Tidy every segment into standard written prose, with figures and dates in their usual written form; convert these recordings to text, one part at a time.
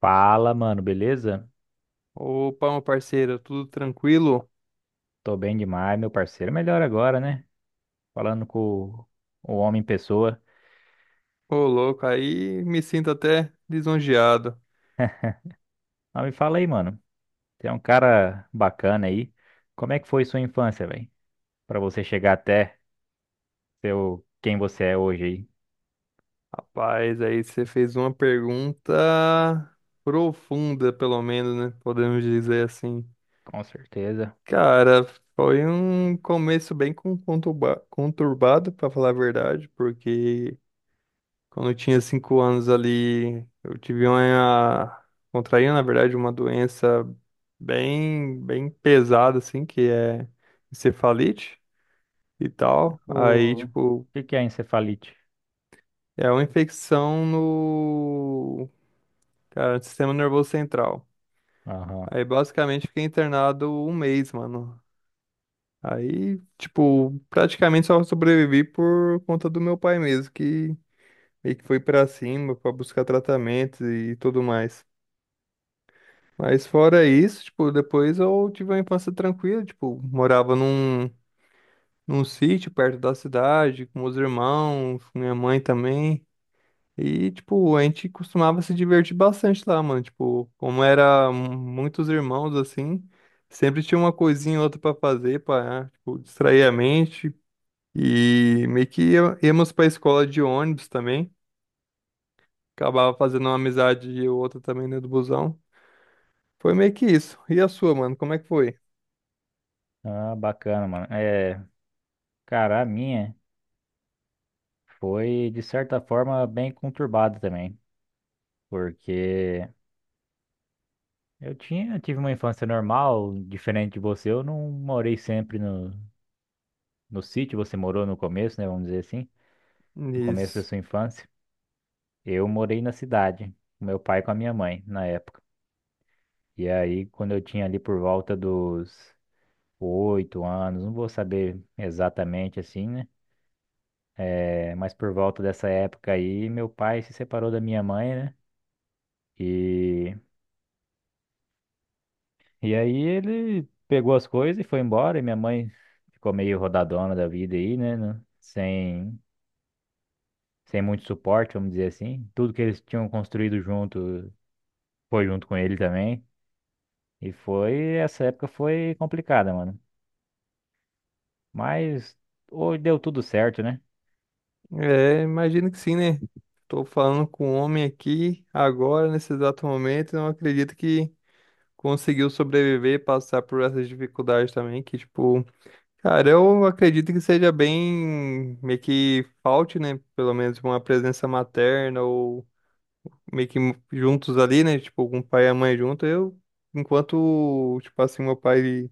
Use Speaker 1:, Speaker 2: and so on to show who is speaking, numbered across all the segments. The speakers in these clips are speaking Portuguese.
Speaker 1: Fala, mano, beleza?
Speaker 2: Opa, meu parceiro, tudo tranquilo?
Speaker 1: Tô bem demais, meu parceiro. Melhor agora, né? Falando com o o homem em pessoa.
Speaker 2: Ô, louco, aí me sinto até lisonjeado.
Speaker 1: Mas me fala aí, mano. Você é um cara bacana aí. Como é que foi sua infância, velho? Pra você chegar até ser quem você é hoje aí.
Speaker 2: Rapaz, aí você fez uma pergunta profunda, pelo menos, né? Podemos dizer assim.
Speaker 1: Com certeza.
Speaker 2: Cara, foi um começo bem conturbado, pra falar a verdade, porque quando eu tinha 5 anos ali, eu tive uma, contraí, na verdade, uma doença bem, bem pesada, assim, que é encefalite e tal. Aí,
Speaker 1: O
Speaker 2: tipo,
Speaker 1: que que é encefalite?
Speaker 2: é uma infecção no, cara, no sistema nervoso central.
Speaker 1: Aham.
Speaker 2: Aí, basicamente, fiquei internado um mês, mano. Aí, tipo, praticamente só sobrevivi por conta do meu pai mesmo, que meio que foi pra cima pra buscar tratamento e tudo mais. Mas fora isso, tipo, depois eu tive uma infância tranquila, tipo, morava num sítio perto da cidade, com meus irmãos, com minha mãe também. E, tipo, a gente costumava se divertir bastante lá, mano. Tipo, como era muitos irmãos, assim, sempre tinha uma coisinha ou outra pra fazer, pra, tipo, distrair a mente. E meio que íamos pra escola de ônibus também. Acabava fazendo uma amizade e outra também dentro do busão. Foi meio que isso. E a sua, mano? Como é que foi?
Speaker 1: Ah, bacana, mano. É, cara, a minha foi de certa forma bem conturbada também, porque eu tive uma infância normal, diferente de você. Eu não morei sempre no sítio, você morou no começo, né? Vamos dizer assim, no começo da
Speaker 2: Isso.
Speaker 1: sua infância. Eu morei na cidade, com meu pai e com a minha mãe, na época. E aí, quando eu tinha ali por volta dos 8 anos, não vou saber exatamente assim, né? É, mas por volta dessa época aí, meu pai se separou da minha mãe, né? E E aí ele pegou as coisas e foi embora, e minha mãe ficou meio rodadona da vida aí, né? Sem, sem muito suporte, vamos dizer assim. Tudo que eles tinham construído junto foi junto com ele também. Essa época foi complicada, mano. Mas hoje deu tudo certo, né?
Speaker 2: É, imagino que sim, né? Tô falando com um homem aqui agora, nesse exato momento, e não acredito que conseguiu sobreviver e passar por essas dificuldades também, que, tipo, cara, eu acredito que seja bem, meio que falte, né, pelo menos uma presença materna ou meio que juntos ali, né, tipo, com o pai e a mãe junto, eu, enquanto, tipo assim, meu pai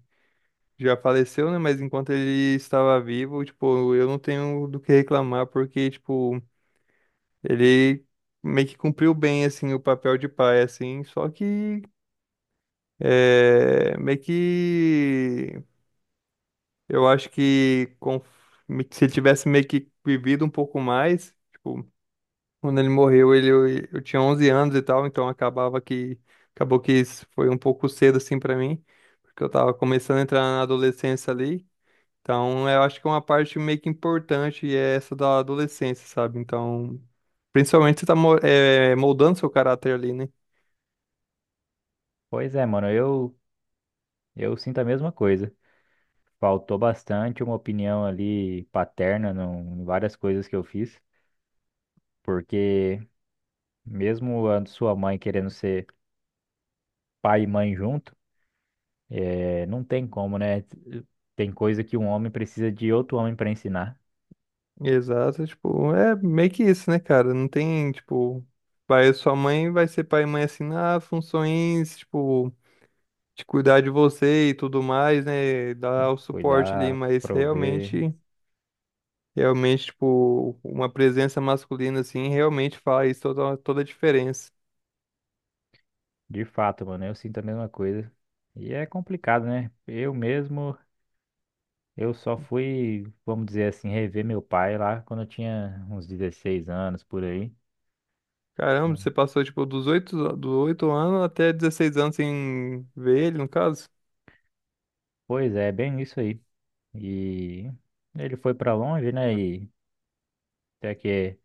Speaker 2: já faleceu, né, mas enquanto ele estava vivo, tipo, eu não tenho do que reclamar, porque, tipo, ele meio que cumpriu bem, assim, o papel de pai, assim, só que... É, meio que eu acho que se ele tivesse meio que vivido um pouco mais, tipo, quando ele morreu, ele, eu tinha 11 anos e tal, então acabava que acabou que isso foi um pouco cedo assim pra mim, porque eu tava começando a entrar na adolescência ali. Então, eu acho que uma parte meio que importante é essa da adolescência, sabe? Então, principalmente você tá moldando seu caráter ali, né?
Speaker 1: Pois é, mano, eu sinto a mesma coisa. Faltou bastante uma opinião ali paterna em várias coisas que eu fiz, porque mesmo a sua mãe querendo ser pai e mãe junto, é, não tem como, né? Tem coisa que um homem precisa de outro homem para ensinar.
Speaker 2: Exato, tipo, é meio que isso, né, cara? Não tem, tipo, vai, sua mãe vai ser pai e mãe assim, na funções, tipo, de cuidar de você e tudo mais, né?
Speaker 1: Tem
Speaker 2: Dar
Speaker 1: que
Speaker 2: o suporte ali,
Speaker 1: cuidar,
Speaker 2: mas
Speaker 1: prover.
Speaker 2: realmente, realmente, tipo, uma presença masculina assim, realmente faz toda, toda a diferença.
Speaker 1: De fato, mano, eu sinto a mesma coisa. E é complicado, né? Eu mesmo, eu só fui, vamos dizer assim, rever meu pai lá quando eu tinha uns 16 anos por aí.
Speaker 2: Caramba, você passou, tipo, dos oito anos até 16 anos sem ver ele, no caso?
Speaker 1: Pois é, bem isso aí. E ele foi pra longe, né? E até que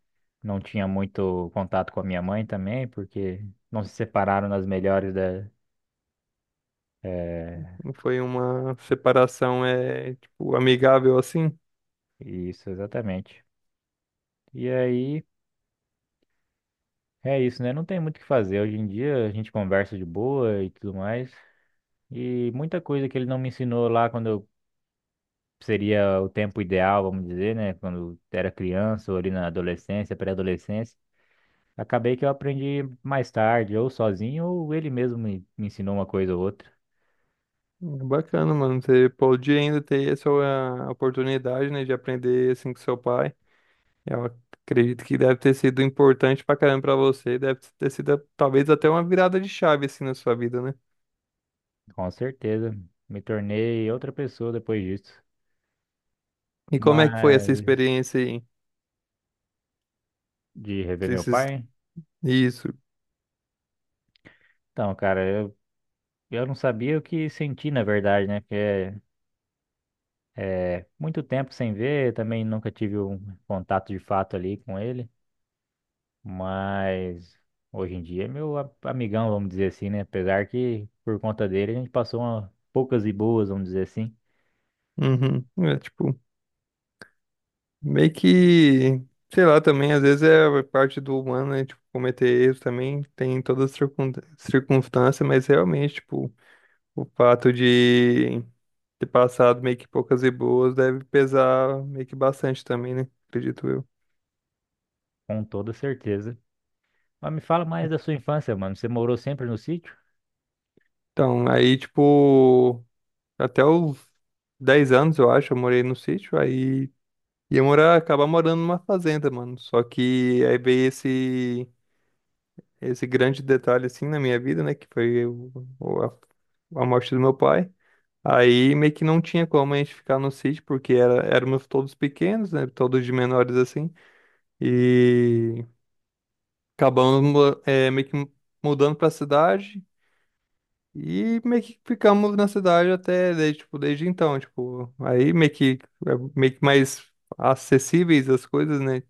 Speaker 1: não tinha muito contato com a minha mãe também, porque não se separaram nas melhores da eh,
Speaker 2: Não foi uma separação, é, tipo, amigável assim?
Speaker 1: Isso, exatamente. E aí, é isso, né? Não tem muito o que fazer. Hoje em dia a gente conversa de boa e tudo mais. E muita coisa que ele não me ensinou lá quando eu seria o tempo ideal, vamos dizer, né? Quando era criança ou ali na adolescência, pré-adolescência. Acabei que eu aprendi mais tarde, ou sozinho, ou ele mesmo me ensinou uma coisa ou outra.
Speaker 2: Bacana, mano. Você pode ainda ter essa ah, oportunidade, né, de aprender assim com seu pai. Eu acredito que deve ter sido importante pra caramba pra você. Deve ter sido talvez até uma virada de chave assim na sua vida, né?
Speaker 1: Com certeza. Me tornei outra pessoa depois disso.
Speaker 2: E como é que foi essa
Speaker 1: Mas
Speaker 2: experiência aí?
Speaker 1: de rever meu
Speaker 2: Esses...
Speaker 1: pai.
Speaker 2: Isso.
Speaker 1: Então, cara, Eu não sabia o que senti, na verdade, né? Porque é muito tempo sem ver, também nunca tive um contato de fato ali com ele, mas hoje em dia é meu amigão, vamos dizer assim, né? Apesar que por conta dele a gente passou poucas e boas, vamos dizer assim,
Speaker 2: Uhum. É tipo, meio que, sei lá, também às vezes é parte do humano, né? Tipo, cometer erros também tem em todas as circunstâncias, mas realmente, tipo, o fato de ter passado meio que poucas e boas deve pesar meio que bastante também, né? Acredito eu.
Speaker 1: com toda certeza. Mas me fala mais da sua infância, mano. Você morou sempre no sítio?
Speaker 2: Então, aí, tipo, até os 10 anos, eu acho, eu morei no sítio, aí ia morar, acabar morando numa fazenda, mano. Só que aí veio esse, esse grande detalhe, assim, na minha vida, né? Que foi o- a, a morte do meu pai. Aí meio que não tinha como a gente ficar no sítio, porque era, éramos todos pequenos, né? Todos de menores, assim. E acabamos meio que mudando pra cidade e meio que ficamos na cidade até desde, tipo, desde então, tipo, aí meio que é meio que mais acessíveis as coisas, né?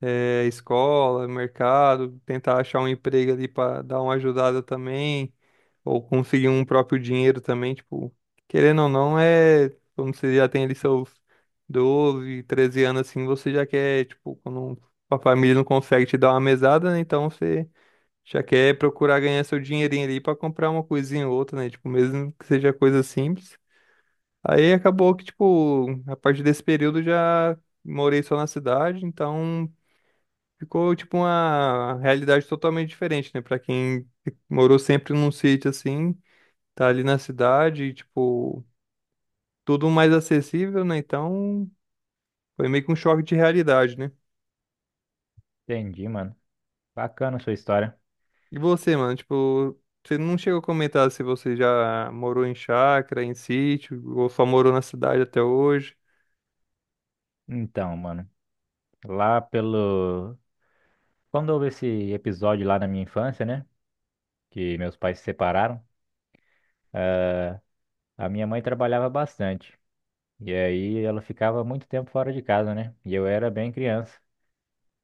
Speaker 2: É, escola, mercado, tentar achar um emprego ali pra dar uma ajudada também, ou conseguir um próprio dinheiro também, tipo, querendo ou não, é, quando você já tem ali seus 12, 13 anos assim, você já quer, tipo, quando a família não consegue te dar uma mesada, né? Então você já quer procurar ganhar seu dinheirinho ali pra comprar uma coisinha ou outra, né? Tipo, mesmo que seja coisa simples. Aí acabou que, tipo, a partir desse período eu já morei só na cidade, então ficou, tipo, uma realidade totalmente diferente, né? Pra quem morou sempre num sítio assim, tá ali na cidade, tipo, tudo mais acessível, né? Então foi meio que um choque de realidade, né?
Speaker 1: Entendi, mano. Bacana a sua história.
Speaker 2: E você, mano, tipo, você não chegou a comentar se você já morou em chácara, em sítio, ou só morou na cidade até hoje.
Speaker 1: Então, mano, lá pelo. Quando houve esse episódio lá na minha infância, né? Que meus pais se separaram. A minha mãe trabalhava bastante. E aí ela ficava muito tempo fora de casa, né? E eu era bem criança.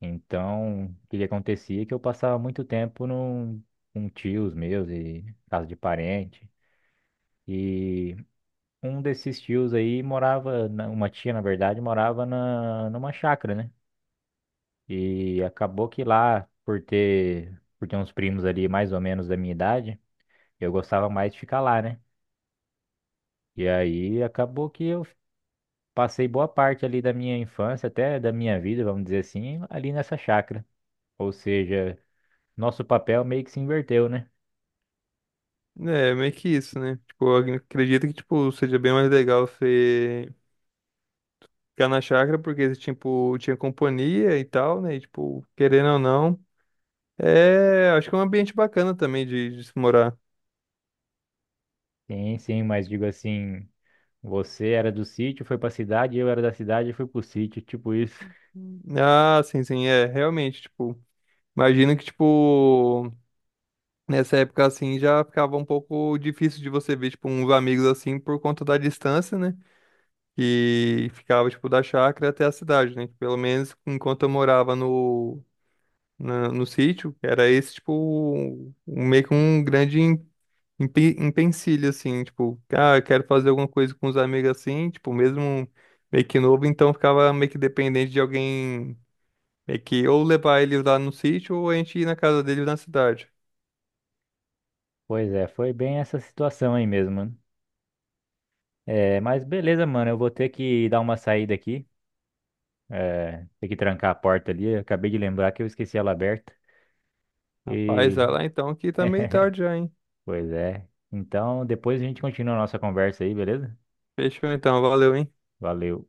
Speaker 1: Então, o que que acontecia é que eu passava muito tempo com tios meus e casa de parente. E um desses tios aí morava, uma tia, na verdade, morava numa chácara, né? E acabou que lá, por ter uns primos ali mais ou menos da minha idade, eu gostava mais de ficar lá, né? E aí acabou que eu passei boa parte ali da minha infância, até da minha vida, vamos dizer assim, ali nessa chácara. Ou seja, nosso papel meio que se inverteu, né?
Speaker 2: É, meio que isso, né? Tipo, eu acredito que, tipo, seja bem mais legal você ficar na chácara, porque, tipo, tinha companhia e tal, né? E, tipo, querendo ou não, é, acho que é um ambiente bacana também de se morar.
Speaker 1: Sim, sim, mas digo assim, você era do sítio, foi pra cidade, eu era da cidade e fui pro sítio, tipo isso.
Speaker 2: Ah, sim, sim, é, realmente, tipo, imagino que, tipo, nessa época, assim, já ficava um pouco difícil de você ver, tipo, uns amigos, assim, por conta da distância, né? Que ficava, tipo, da chácara até a cidade, né? Pelo menos enquanto eu morava no sítio, era esse, tipo, um, meio que um grande empecilho, assim, tipo, ah, eu quero fazer alguma coisa com os amigos, assim, tipo, mesmo meio que novo, então ficava meio que dependente de alguém, meio que ou levar ele lá no sítio ou a gente ir na casa dele na cidade.
Speaker 1: Pois é, foi bem essa situação aí mesmo, mano. É, mas beleza, mano, eu vou ter que dar uma saída aqui, é, ter que trancar a porta ali, eu acabei de lembrar que eu esqueci ela aberta.
Speaker 2: Rapaz,
Speaker 1: E...
Speaker 2: vai lá então que tá meio tarde já, hein?
Speaker 1: Pois é. Então, depois a gente continua a nossa conversa aí, beleza?
Speaker 2: Fechou então, valeu, hein?
Speaker 1: Valeu.